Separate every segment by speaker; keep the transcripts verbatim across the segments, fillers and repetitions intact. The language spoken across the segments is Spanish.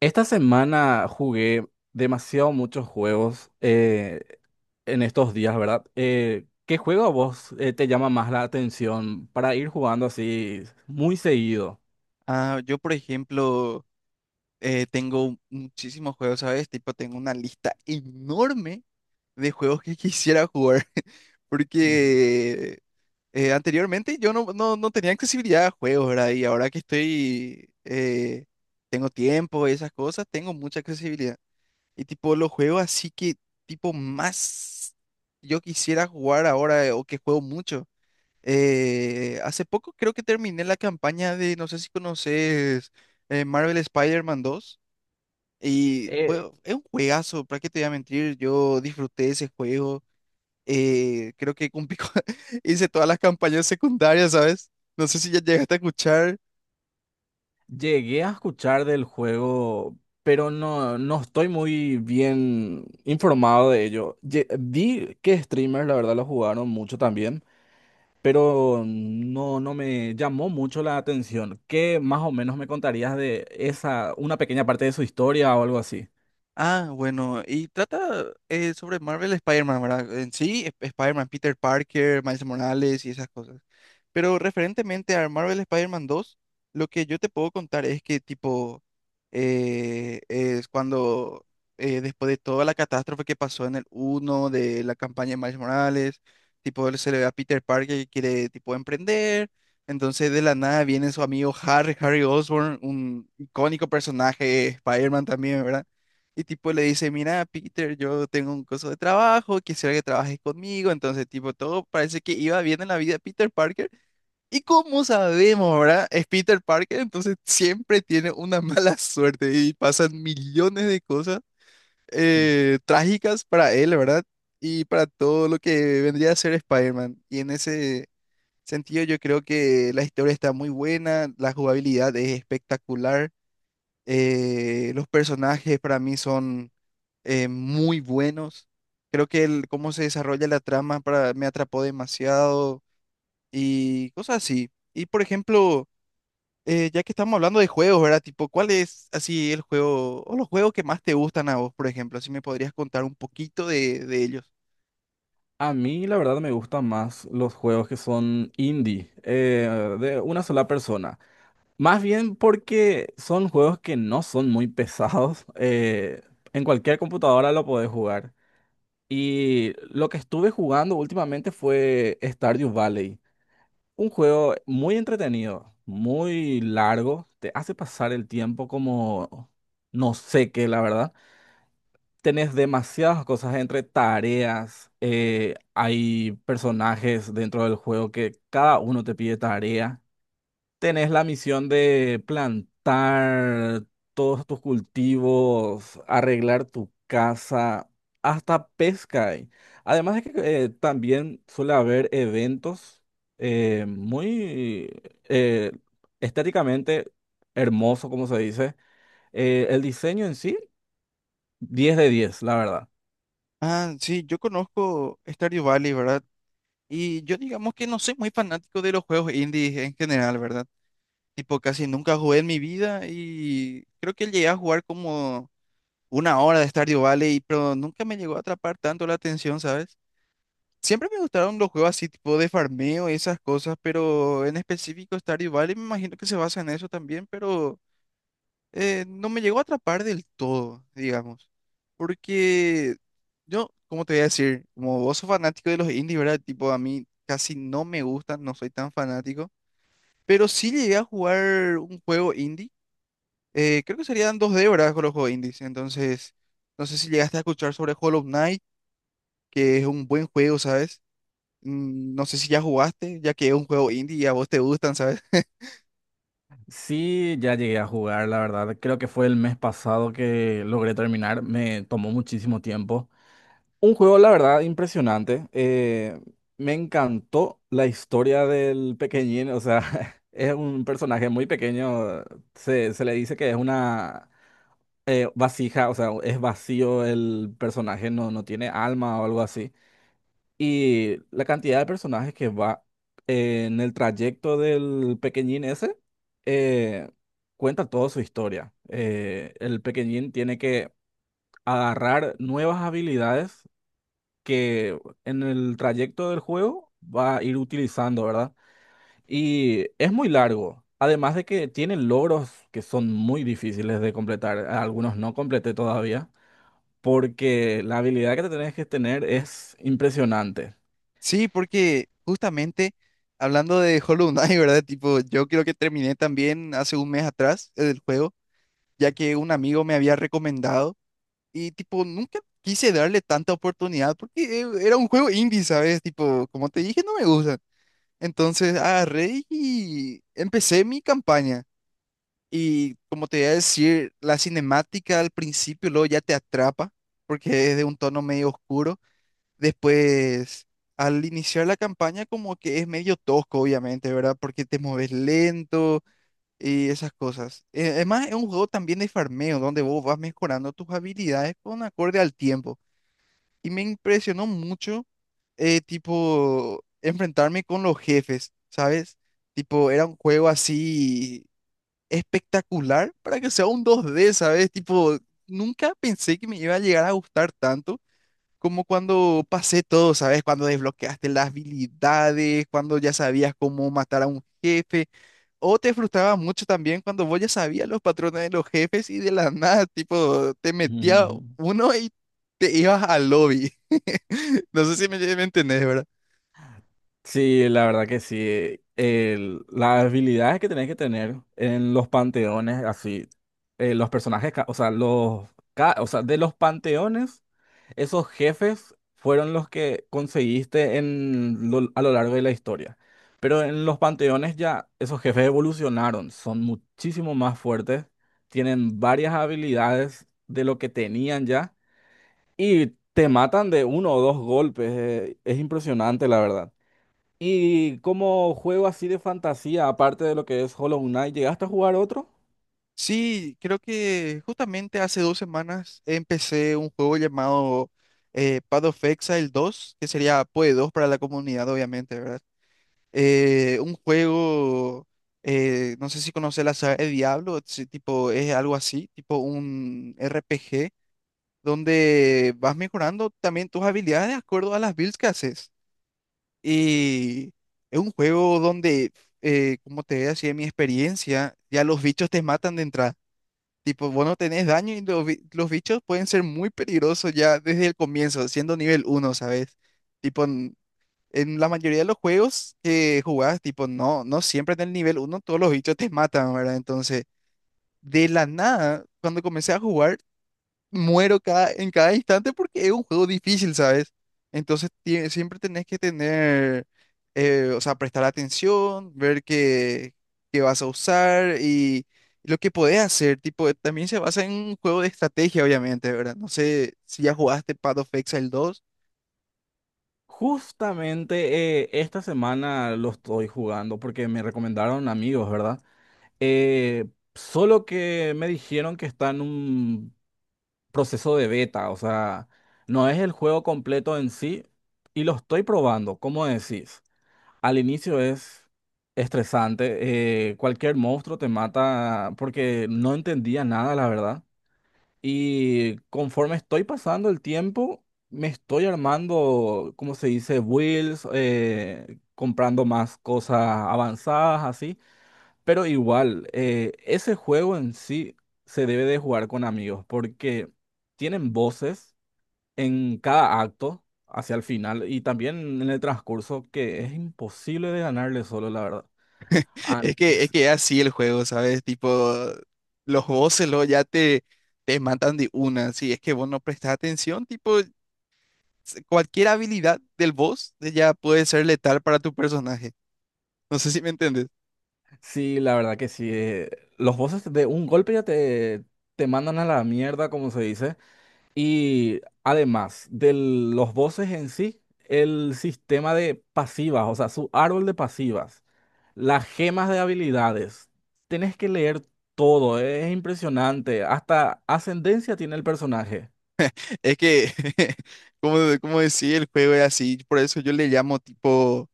Speaker 1: Esta semana jugué demasiado muchos juegos eh, en estos días, ¿verdad? Eh, ¿qué juego a vos eh, te llama más la atención para ir jugando así muy seguido?
Speaker 2: Ah, yo, por ejemplo, eh, tengo muchísimos juegos, ¿sabes? Tipo, tengo una lista enorme de juegos que quisiera jugar,
Speaker 1: Ujú.
Speaker 2: porque eh, anteriormente yo no, no, no tenía accesibilidad a juegos, ¿verdad? Y ahora que estoy, eh, tengo tiempo y esas cosas, tengo mucha accesibilidad. Y tipo, los juegos así que, tipo, más yo quisiera jugar ahora eh, o que juego mucho. Eh, hace poco creo que terminé la campaña de, no sé si conoces eh, Marvel Spider-Man dos, y
Speaker 1: Eh,
Speaker 2: fue, es un juegazo, para qué te voy a mentir, yo disfruté ese juego, eh, creo que cumplí con- hice todas las campañas secundarias, ¿sabes? No sé si ya llegaste a escuchar.
Speaker 1: Llegué a escuchar del juego, pero no, no estoy muy bien informado de ello. Lle- vi que streamers, la verdad, lo jugaron mucho también. Pero no, no me llamó mucho la atención. ¿Qué más o menos me contarías de esa, una pequeña parte de su historia o algo así?
Speaker 2: Ah, bueno, y trata eh, sobre Marvel Spider-Man, ¿verdad? En sí, Sp- Spider-Man, Peter Parker, Miles Morales y esas cosas. Pero referentemente a Marvel Spider-Man dos, lo que yo te puedo contar es que tipo eh, es cuando eh, después de toda la catástrofe que pasó en el uno de la campaña de Miles Morales, tipo él se le ve a Peter Parker que quiere tipo emprender, entonces de la nada viene su amigo Harry, Harry Osborn, un icónico personaje de Spider-Man también, ¿verdad? Y tipo le dice, mira, Peter, yo tengo un coso de trabajo, quisiera que trabajes conmigo. Entonces, tipo, todo parece que iba bien en la vida de Peter Parker. Y como sabemos, ¿verdad? Es Peter Parker, entonces siempre tiene una mala suerte y pasan millones de cosas eh, trágicas para él, ¿verdad? Y para todo lo que vendría a ser Spider-Man. Y en ese sentido, yo creo que la historia está muy buena, la jugabilidad es espectacular, eh, los personajes para mí son eh, muy buenos. Creo que el cómo se desarrolla la trama para, me atrapó demasiado y cosas así. Y por ejemplo, eh, ya que estamos hablando de juegos, ¿verdad? Tipo, ¿cuál es así el juego o los juegos que más te gustan a vos, por ejemplo? Así me podrías contar un poquito de, de ellos.
Speaker 1: A mí, la verdad, me gustan más los juegos que son indie, eh, de una sola persona. Más bien porque son juegos que no son muy pesados. Eh, en cualquier computadora lo podés jugar. Y lo que estuve jugando últimamente fue Stardew Valley. Un juego muy entretenido, muy largo, te hace pasar el tiempo como no sé qué, la verdad. Tenés demasiadas cosas entre tareas, eh, hay personajes dentro del juego que cada uno te pide tarea, tenés la misión de plantar todos tus cultivos, arreglar tu casa, hasta pesca hay. Además de que eh, también suele haber eventos eh, muy eh, estéticamente hermoso, como se dice. Eh, el diseño en sí, diez de diez, la verdad.
Speaker 2: Ah, sí, yo conozco Stardew Valley, ¿verdad? Y yo digamos que no soy muy fanático de los juegos indies en general, ¿verdad? Tipo, casi nunca jugué en mi vida y creo que llegué a jugar como una hora de Stardew Valley, pero nunca me llegó a atrapar tanto la atención, ¿sabes? Siempre me gustaron los juegos así tipo de farmeo y esas cosas, pero en específico Stardew Valley me imagino que se basa en eso también, pero eh, no me llegó a atrapar del todo, digamos. Porque yo, como te voy a decir? Como vos sos fanático de los indies, ¿verdad? Tipo, a mí casi no me gustan, no soy tan fanático, pero sí llegué a jugar un juego indie. Eh, creo que serían dos Débora con los juegos indies. Entonces, no sé si llegaste a escuchar sobre Hollow Knight, que es un buen juego, ¿sabes? Mm, no sé si ya jugaste, ya que es un juego indie y a vos te gustan, ¿sabes?
Speaker 1: Sí, ya llegué a jugar, la verdad. Creo que fue el mes pasado que logré terminar. Me tomó muchísimo tiempo. Un juego, la verdad, impresionante. Eh, me encantó la historia del pequeñín. O sea, es un personaje muy pequeño. Se, se le dice que es una eh, vasija, o sea, es vacío el personaje, no, no tiene alma o algo así. Y la cantidad de personajes que va en el trayecto del pequeñín ese, eh, cuenta toda su historia. Eh, el pequeñín tiene que agarrar nuevas habilidades que en el trayecto del juego va a ir utilizando, ¿verdad? Y es muy largo. Además de que tiene logros que son muy difíciles de completar. Algunos no completé todavía. Porque la habilidad que te tenés que tener es impresionante.
Speaker 2: Sí, porque justamente hablando de Hollow Knight, ¿verdad? Tipo, yo creo que terminé también hace un mes atrás el juego, ya que un amigo me había recomendado y tipo, nunca quise darle tanta oportunidad porque eh, era un juego indie, ¿sabes? Tipo, como te dije, no me gusta. Entonces agarré y empecé mi campaña. Y como te iba a decir, la cinemática al principio luego ya te atrapa porque es de un tono medio oscuro. Después, al iniciar la campaña como que es medio tosco, obviamente, ¿verdad? Porque te mueves lento y esas cosas. Eh, Además, es un juego también de farmeo donde vos vas mejorando tus habilidades con acorde al tiempo. Y me impresionó mucho, eh, tipo, enfrentarme con los jefes, ¿sabes? Tipo, era un juego así espectacular para que sea un dos d, ¿sabes? Tipo, nunca pensé que me iba a llegar a gustar tanto como cuando pasé todo, ¿sabes? Cuando desbloqueaste las habilidades, cuando ya sabías cómo matar a un jefe, o te frustraba mucho también cuando vos ya sabías los patrones de los jefes y de la nada, tipo, te metía
Speaker 1: Ujú.
Speaker 2: uno y te ibas al lobby. No sé si me, me entendés, ¿verdad?
Speaker 1: Sí, la verdad que sí. El- las habilidades que tenés que tener en los panteones, así, eh, los personajes, ca- o sea, los, ca- o sea, de los panteones, esos jefes fueron los que conseguiste en, lo- a lo largo de la historia. Pero en los panteones ya esos jefes evolucionaron, son muchísimo más fuertes, tienen varias habilidades de lo que tenían ya y te matan de uno o dos golpes. Eh, es impresionante, la verdad. Y como juego así de fantasía, aparte de lo que es Hollow Knight, ¿llegaste a jugar otro?
Speaker 2: Sí, creo que justamente hace dos semanas empecé un juego llamado eh, Path of Exile dos, que sería PoE dos para la comunidad, obviamente, ¿verdad? Eh, un juego, eh, no sé si conoces la saga de Diablo, si tipo, es algo así, tipo un R P G, donde vas mejorando también tus habilidades de acuerdo a las builds que haces. Y es un juego donde, eh, como te decía, mi experiencia, ya los bichos te matan de entrada. Tipo, vos no tenés daño y los, bi- los bichos pueden ser muy peligrosos ya desde el comienzo, siendo nivel uno, ¿sabes? Tipo, en, en la mayoría de los juegos que jugás, tipo, no, no siempre en el nivel uno todos los bichos te matan, ¿verdad? Entonces, de la nada, cuando comencé a jugar, muero cada, en cada instante porque es un juego difícil, ¿sabes? Entonces tie- siempre tenés que tener, eh, o sea, prestar atención, ver qué, qué vas a usar y lo que podés hacer. Tipo, también se basa en un juego de estrategia, obviamente, ¿verdad? No sé si ya jugaste Path of Exile dos.
Speaker 1: Justamente eh, esta semana lo estoy jugando porque me recomendaron amigos, ¿verdad? Eh, Solo que me dijeron que está en un proceso de beta, o sea, no es el juego completo en sí y lo estoy probando, ¿cómo decís? Al inicio es estresante, eh, cualquier monstruo te mata porque no entendía nada, la verdad. Y conforme estoy pasando el tiempo, me estoy armando, como se dice, builds, eh, comprando más cosas avanzadas, así. Pero igual, eh, ese juego en sí se debe de jugar con amigos porque tienen voces en cada acto hacia el final y también en el transcurso que es imposible de ganarle solo, la verdad. Ah,
Speaker 2: Es que es que es así el juego, ¿sabes? Tipo, los bosses luego ya te, te matan de una. Si es que vos no prestás atención, tipo, s- cualquier habilidad del boss eh, ya puede ser letal para tu personaje. No sé si me entiendes.
Speaker 1: sí, la verdad que sí. Eh, los voces de un golpe ya te, te mandan a la mierda, como se dice. Y además de los voces en sí, el sistema de pasivas, o sea, su árbol de pasivas, las gemas de habilidades, tenés que leer todo, es impresionante, hasta ascendencia tiene el personaje.
Speaker 2: Es que, como, como decía, el juego es así. Por eso yo le llamo tipo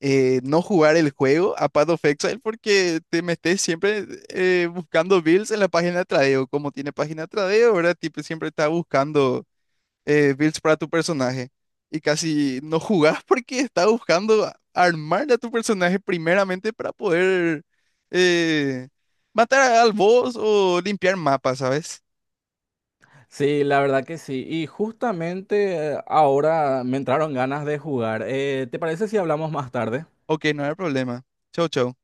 Speaker 2: eh, no jugar el juego a Path of Exile porque te metes siempre eh, buscando builds en la página de tradeo. Como tiene página de tradeo, ¿verdad? Tipo, siempre está buscando eh, builds para tu personaje y casi no jugás porque estás buscando a- armarle a tu personaje primeramente para poder eh, matar al boss o limpiar mapas, ¿sabes?
Speaker 1: Sí, la verdad que sí. Y justamente eh, ahora me entraron ganas de jugar. Eh, ¿te parece si hablamos más tarde?
Speaker 2: Ok, no hay problema. Chau, chau.